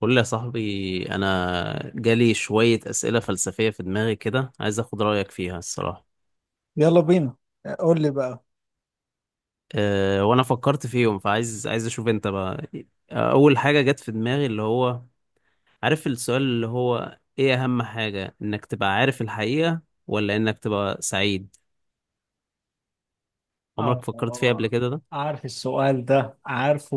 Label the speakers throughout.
Speaker 1: قول لي يا صاحبي، انا جالي شوية أسئلة فلسفية في دماغي كده، عايز اخد رأيك فيها الصراحة.
Speaker 2: يلا بينا. قول لي بقى.
Speaker 1: وانا فكرت فيهم، فعايز اشوف انت بقى. اول حاجة جت في دماغي اللي هو، عارف السؤال اللي هو ايه؟ اهم حاجة انك تبقى عارف الحقيقة، ولا انك تبقى سعيد؟
Speaker 2: اه
Speaker 1: عمرك
Speaker 2: آه،
Speaker 1: فكرت فيها قبل
Speaker 2: آه.
Speaker 1: كده ده؟
Speaker 2: عارف السؤال ده، عارفه.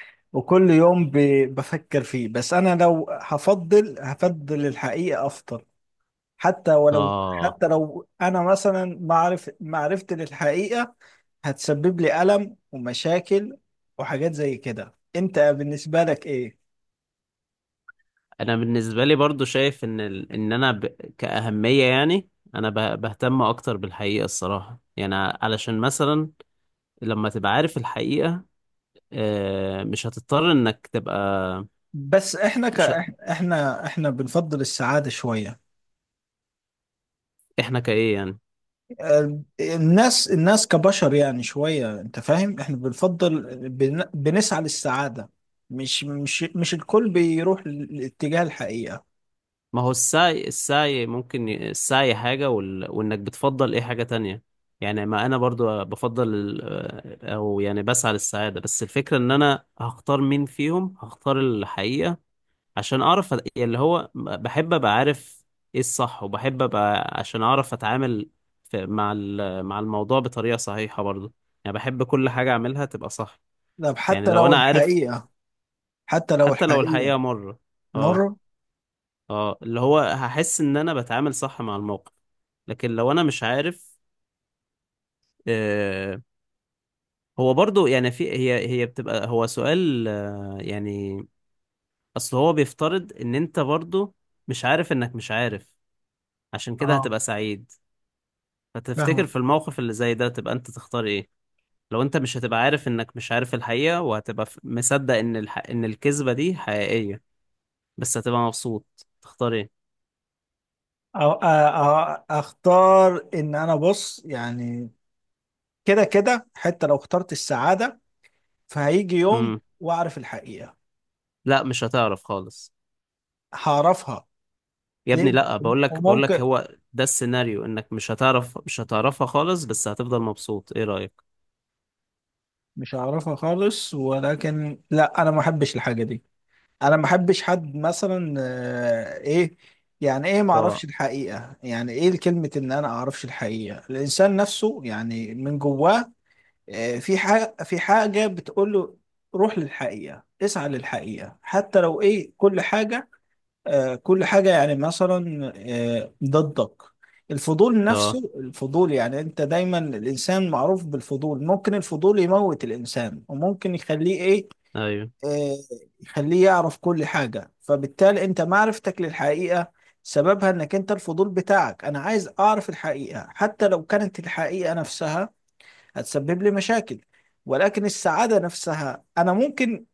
Speaker 2: وكل يوم بفكر فيه، بس انا لو هفضل هفضل الحقيقة افضل، حتى ولو،
Speaker 1: اه،
Speaker 2: حتى لو انا مثلا معرف معرفتي للحقيقة هتسبب لي ألم ومشاكل وحاجات زي كده. انت بالنسبة لك ايه؟
Speaker 1: انا بالنسبة لي برضو شايف ان ال... ان انا ب... كأهمية يعني، انا بهتم اكتر بالحقيقة الصراحة، يعني علشان مثلا لما تبقى عارف الحقيقة، مش هتضطر انك تبقى.
Speaker 2: بس احنا ك...
Speaker 1: مش ه-
Speaker 2: احنا احنا بنفضل السعادة شوية.
Speaker 1: احنا كايه يعني؟
Speaker 2: الناس كبشر، يعني شوية، انت فاهم، احنا بنفضل بنسعى للسعادة. مش الكل بيروح لاتجاه الحقيقة.
Speaker 1: ما هو السعي، السعي حاجة وانك بتفضل ايه حاجة تانية. يعني ما انا برضو بفضل ال- آه، او يعني بسعى للسعادة، بس الفكرة ان انا هختار مين فيهم. هختار الحقيقة عشان يعني اللي هو بحب ابقى عارف ايه الصح، وبحب ابقى عشان اعرف اتعامل مع الموضوع بطريقة صحيحة برضو. يعني بحب كل حاجة اعملها تبقى صح.
Speaker 2: طب
Speaker 1: يعني
Speaker 2: حتى
Speaker 1: لو
Speaker 2: لو
Speaker 1: انا عارف
Speaker 2: الحقيقة، حتى لو
Speaker 1: حتى لو
Speaker 2: الحقيقة
Speaker 1: الحقيقة مرة. اه.
Speaker 2: مر.
Speaker 1: اه، اللي هو هحس ان انا بتعامل صح مع الموقف، لكن لو انا مش عارف. آه هو برضو يعني في، هي بتبقى هو سؤال يعني. اصل هو بيفترض ان انت برضو مش عارف انك مش عارف، عشان كده
Speaker 2: اه
Speaker 1: هتبقى سعيد. فتفتكر
Speaker 2: فاهمة.
Speaker 1: في الموقف اللي زي ده تبقى انت تختار ايه؟ لو انت مش هتبقى عارف انك مش عارف الحقيقة، وهتبقى مصدق ان ان الكذبة دي حقيقية، بس هتبقى مبسوط، تختار ايه؟
Speaker 2: اختار ان انا، بص يعني، كده كده حتى لو اخترت السعادة، فهيجي يوم
Speaker 1: امم
Speaker 2: واعرف الحقيقة.
Speaker 1: لا، مش هتعرف خالص.
Speaker 2: هعرفها،
Speaker 1: يا
Speaker 2: ليه؟
Speaker 1: ابني لا، بقول لك
Speaker 2: وممكن
Speaker 1: هو ده السيناريو، انك مش هتعرف، مش هتعرفها خالص، بس هتفضل مبسوط، ايه رأيك؟
Speaker 2: مش هعرفها خالص، ولكن لا، انا ما احبش الحاجة دي. انا ما بحبش حد مثلا ايه، يعني ايه ما اعرفش
Speaker 1: اه.
Speaker 2: الحقيقه؟ يعني ايه كلمه ان انا اعرفش الحقيقه؟ الانسان نفسه يعني من جواه في حاجه في حاجه بتقول له روح للحقيقه، اسعى للحقيقه حتى لو ايه، كل حاجه. كل حاجه يعني مثلا ضدك. الفضول،
Speaker 1: اه.
Speaker 2: نفسه الفضول يعني، انت دايما الانسان معروف بالفضول، ممكن الفضول يموت الانسان، وممكن يخليه ايه؟
Speaker 1: ايوه.
Speaker 2: آه، يخليه يعرف كل حاجة. فبالتالي انت معرفتك للحقيقة سببها انك انت الفضول بتاعك. انا عايز اعرف الحقيقة حتى لو كانت الحقيقة نفسها هتسبب لي مشاكل. ولكن السعادة نفسها انا ممكن،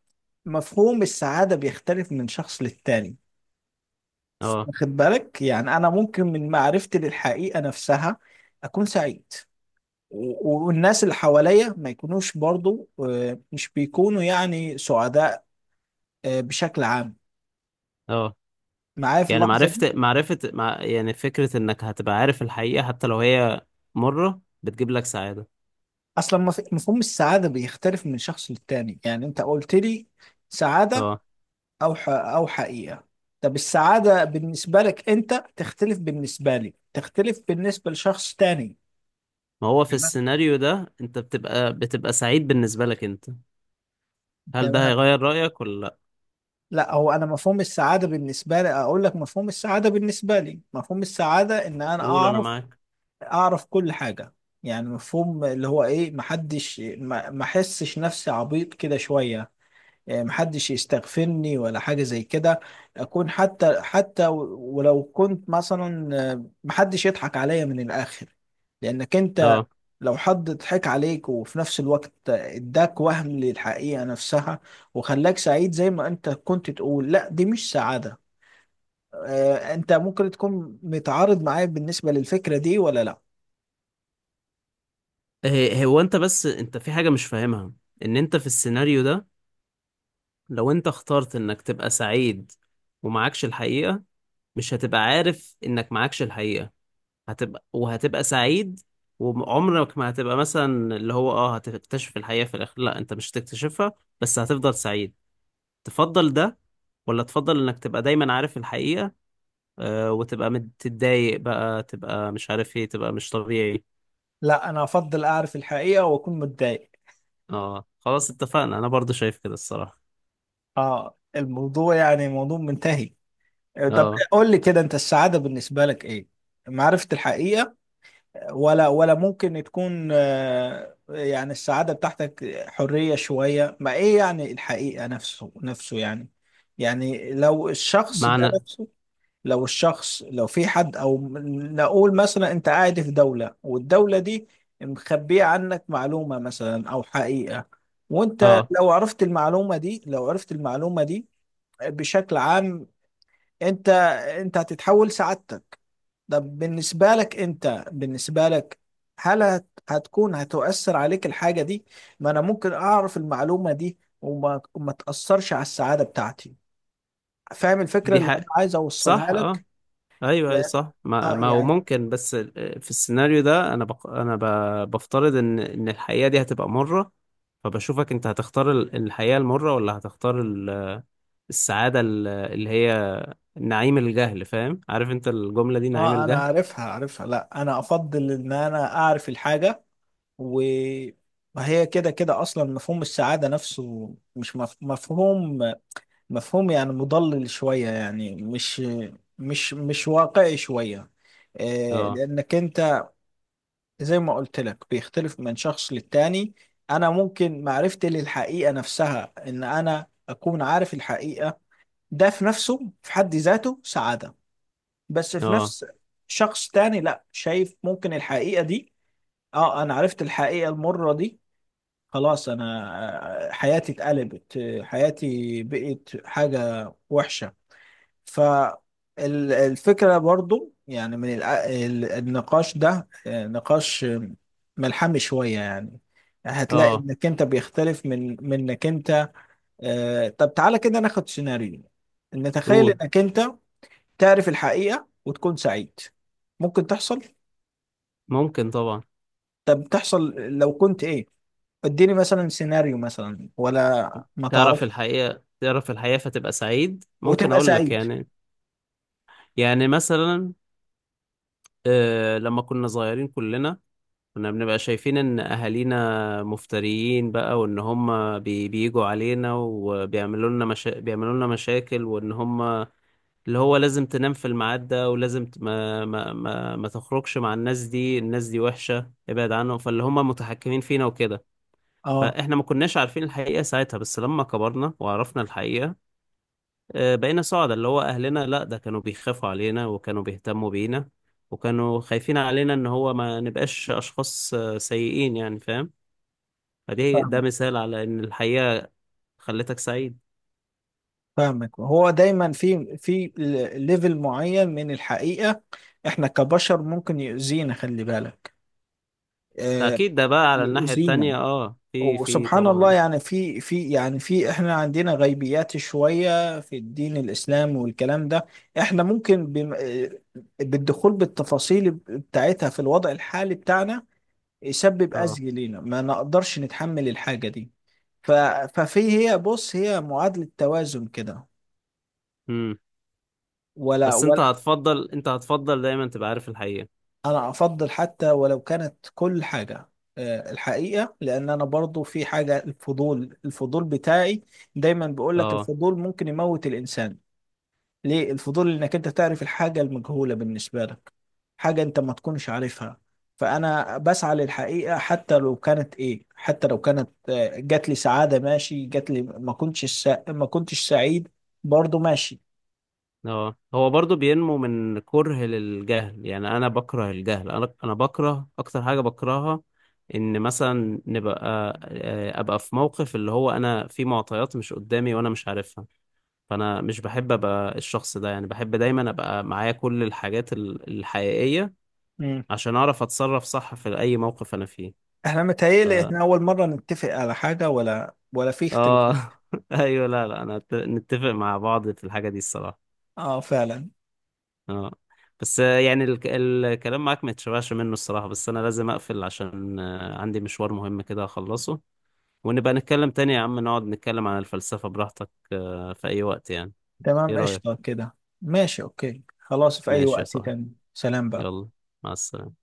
Speaker 2: مفهوم السعادة بيختلف من شخص للتاني،
Speaker 1: اه.
Speaker 2: واخد بالك؟ يعني انا ممكن من معرفتي للحقيقة نفسها اكون سعيد، والناس اللي حواليا ما يكونوش برضو، مش بيكونوا يعني سعداء، بشكل عام،
Speaker 1: اه
Speaker 2: معايا في
Speaker 1: يعني،
Speaker 2: اللحظة دي.
Speaker 1: معرفة يعني فكرة انك هتبقى عارف الحقيقة حتى لو هي مرة بتجيب لك سعادة.
Speaker 2: اصلا مفهوم السعاده بيختلف من شخص للتاني. يعني انت قلت لي سعاده
Speaker 1: اه
Speaker 2: او او حقيقه. طب السعاده بالنسبه لك انت تختلف، بالنسبه لي تختلف، بالنسبه لشخص تاني.
Speaker 1: ما هو في
Speaker 2: تمام،
Speaker 1: السيناريو ده انت بتبقى سعيد بالنسبة لك انت، هل ده
Speaker 2: تمام.
Speaker 1: هيغير رأيك ولا لا؟
Speaker 2: لا، هو انا مفهوم السعاده بالنسبه لي، اقول لك، مفهوم السعاده بالنسبه لي، مفهوم السعاده ان انا
Speaker 1: قول انا
Speaker 2: اعرف،
Speaker 1: معاك.
Speaker 2: اعرف كل حاجه. يعني مفهوم اللي هو ايه، محدش ما احسش نفسي عبيط كده شويه. محدش يستغفرني ولا حاجة زي كده. أكون حتى حتى ولو كنت مثلا، محدش يضحك عليا من الآخر. لأنك أنت،
Speaker 1: اه،
Speaker 2: لو حد ضحك عليك وفي نفس الوقت اداك وهم للحقيقة نفسها وخلاك سعيد زي ما أنت كنت تقول، لا، دي مش سعادة. أنت ممكن تكون متعارض معايا بالنسبة للفكرة دي، ولا لا؟
Speaker 1: هو انت، بس انت في حاجة مش فاهمها، ان انت في السيناريو ده لو انت اخترت انك تبقى سعيد ومعكش الحقيقة، مش هتبقى عارف انك معكش الحقيقة، هتبقى سعيد، وعمرك ما هتبقى مثلا اللي هو اه هتكتشف الحقيقة في الاخر، لا انت مش هتكتشفها، بس هتفضل سعيد. تفضل ده ولا تفضل انك تبقى دايما عارف الحقيقة، وتبقى متضايق بقى، تبقى مش عارف ايه، تبقى مش طبيعي؟
Speaker 2: لا، أنا أفضل أعرف الحقيقة وأكون متضايق.
Speaker 1: اه خلاص، اتفقنا، انا برضو شايف كده الصراحة.
Speaker 2: آه، الموضوع يعني موضوع منتهي. طب
Speaker 1: اه.
Speaker 2: قول لي كده، انت السعادة بالنسبة لك ايه؟ معرفة الحقيقة، ولا ولا ممكن تكون، يعني السعادة بتاعتك حرية شوية، ما ايه يعني الحقيقة؟ نفسه يعني، يعني لو الشخص ده
Speaker 1: معنى.
Speaker 2: نفسه، لو الشخص لو في حد او نقول مثلا انت قاعد في دولة والدولة دي مخبية عنك معلومة مثلا او حقيقة، وانت
Speaker 1: اه.
Speaker 2: لو عرفت المعلومة دي، لو عرفت المعلومة دي بشكل عام، انت، انت هتتحول سعادتك. طب بالنسبة لك، انت بالنسبة لك، هل هتكون هتؤثر عليك الحاجة دي؟ ما انا ممكن اعرف المعلومة دي وما وما تأثرش على السعادة بتاعتي. فاهم الفكرة
Speaker 1: دي
Speaker 2: اللي انا
Speaker 1: حق،
Speaker 2: عايز اوصلها
Speaker 1: صح. اه،
Speaker 2: لك؟
Speaker 1: ايوه ايوه
Speaker 2: يا-
Speaker 1: صح. ما,
Speaker 2: اه
Speaker 1: ما هو
Speaker 2: يعني
Speaker 1: ممكن، بس في السيناريو ده انا بفترض ان ان الحقيقه دي هتبقى مره، فبشوفك انت هتختار الحقيقه المره، ولا هتختار السعاده اللي هي نعيم الجهل. فاهم؟ عارف انت الجمله دي نعيم
Speaker 2: اه، انا
Speaker 1: الجهل؟
Speaker 2: عارفها، عارفها. لا، انا افضل ان انا اعرف الحاجة. و، وهي كده كده اصلا مفهوم السعادة نفسه مش مفهوم، مفهوم يعني مضلل شوية، يعني مش واقعي شوية.
Speaker 1: اه.
Speaker 2: لأنك أنت زي ما قلت لك بيختلف من شخص للتاني. أنا ممكن معرفتي للحقيقة نفسها، إن أنا أكون عارف الحقيقة، ده في نفسه، في حد ذاته، سعادة. بس في
Speaker 1: اه.
Speaker 2: نفس، شخص تاني لا، شايف ممكن الحقيقة دي، أه أنا عرفت الحقيقة المرة دي، خلاص أنا، حياتي اتقلبت، حياتي بقت حاجة وحشة. فالفكرة برضو يعني، من النقاش ده، نقاش ملحمي شوية يعني. هتلاقي
Speaker 1: اه.
Speaker 2: انك انت بيختلف من انك انت. طب تعالى كده ناخد سيناريو، نتخيل
Speaker 1: قول.
Speaker 2: انك انت تعرف الحقيقة وتكون سعيد. ممكن تحصل.
Speaker 1: ممكن طبعا.
Speaker 2: طب تحصل لو كنت ايه؟ اديني مثلا سيناريو مثلا ولا، ما
Speaker 1: تعرف
Speaker 2: تعرف
Speaker 1: الحقيقه تعرف الحقيقه فتبقى سعيد. ممكن
Speaker 2: وتبقى
Speaker 1: اقول لك
Speaker 2: سعيد.
Speaker 1: يعني، يعني مثلا، آه لما كنا صغيرين كلنا، كنا بنبقى شايفين ان اهالينا مفتريين بقى، وان هم بيجوا علينا وبيعملوا لنا بيعملوا لنا مشاكل، وان هم اللي هو لازم تنام في الميعاد ده، ولازم ت... ما... ما ما ما تخرجش مع الناس دي، الناس دي وحشة ابعد عنهم، فاللي هم متحكمين فينا وكده.
Speaker 2: اه
Speaker 1: فاحنا ما كناش عارفين الحقيقة ساعتها، بس لما كبرنا وعرفنا الحقيقة، بقينا سعداء. اللي هو اهلنا، لا ده كانوا بيخافوا علينا، وكانوا بيهتموا بينا، وكانوا خايفين علينا ان هو ما نبقاش اشخاص سيئين يعني، فاهم؟ فدي ده مثال على ان الحقيقة خلتك سعيد.
Speaker 2: فاهمك. هو دايما في ليفل معين من الحقيقة احنا كبشر ممكن يؤذينا، خلي بالك. آه،
Speaker 1: اكيد ده بقى على الناحية التانية
Speaker 2: يؤذينا.
Speaker 1: اه، في
Speaker 2: وسبحان الله،
Speaker 1: طبعا.
Speaker 2: يعني في يعني في، احنا عندنا غيبيات شوية في الدين الإسلام والكلام ده، احنا ممكن بالدخول بالتفاصيل بتاعتها في الوضع الحالي بتاعنا يسبب
Speaker 1: اه.
Speaker 2: أذى لينا، ما نقدرش نتحمل الحاجة دي. ف- ففي، هي بص، هي معادلة توازن كده
Speaker 1: امم
Speaker 2: ولا؟
Speaker 1: بس انت هتفضل، انت هتفضل دايما تبقى عارف الحقيقة.
Speaker 2: انا افضل حتى ولو كانت كل حاجه الحقيقه. لان انا برضو في حاجه، الفضول، الفضول بتاعي دايما بيقول لك
Speaker 1: اه.
Speaker 2: الفضول ممكن يموت الانسان. ليه الفضول؟ انك انت تعرف الحاجه المجهوله بالنسبه لك، حاجه انت ما تكونش عارفها. فانا بسعى للحقيقه حتى لو كانت ايه، حتى لو كانت، جات لي سعاده ماشي، جات لي ما كنتش ما كنتش سعيد برضو ماشي.
Speaker 1: اه هو برضو بينمو من كره للجهل. يعني انا بكره الجهل، انا بكره اكتر حاجة بكرهها، ان مثلا نبقى، ابقى في موقف اللي هو انا في معطيات مش قدامي وانا مش عارفها. فانا مش بحب ابقى الشخص ده، يعني بحب دايما ابقى معايا كل الحاجات الحقيقية
Speaker 2: مم.
Speaker 1: عشان اعرف اتصرف صح في اي موقف انا فيه.
Speaker 2: احنا
Speaker 1: ف...
Speaker 2: متهيألي احنا اول مره نتفق على حاجه، ولا ولا في اختلاف؟
Speaker 1: اه. ايوه، لا لا انا نتفق مع بعض في الحاجه دي الصراحه.
Speaker 2: اه فعلا.
Speaker 1: اه. بس يعني الكلام معاك ما يتشبعش منه الصراحه، بس انا لازم اقفل عشان عندي مشوار مهم كده اخلصه. ونبقى نتكلم تاني يا عم، نقعد نتكلم عن الفلسفه براحتك في اي وقت يعني. ايه
Speaker 2: تمام، قشطة
Speaker 1: رايك؟
Speaker 2: كده. ماشي، اوكي، خلاص، في اي
Speaker 1: ماشي يا
Speaker 2: وقت
Speaker 1: صاحبي.
Speaker 2: تاني، سلام بقى.
Speaker 1: يلا. مع السلامه.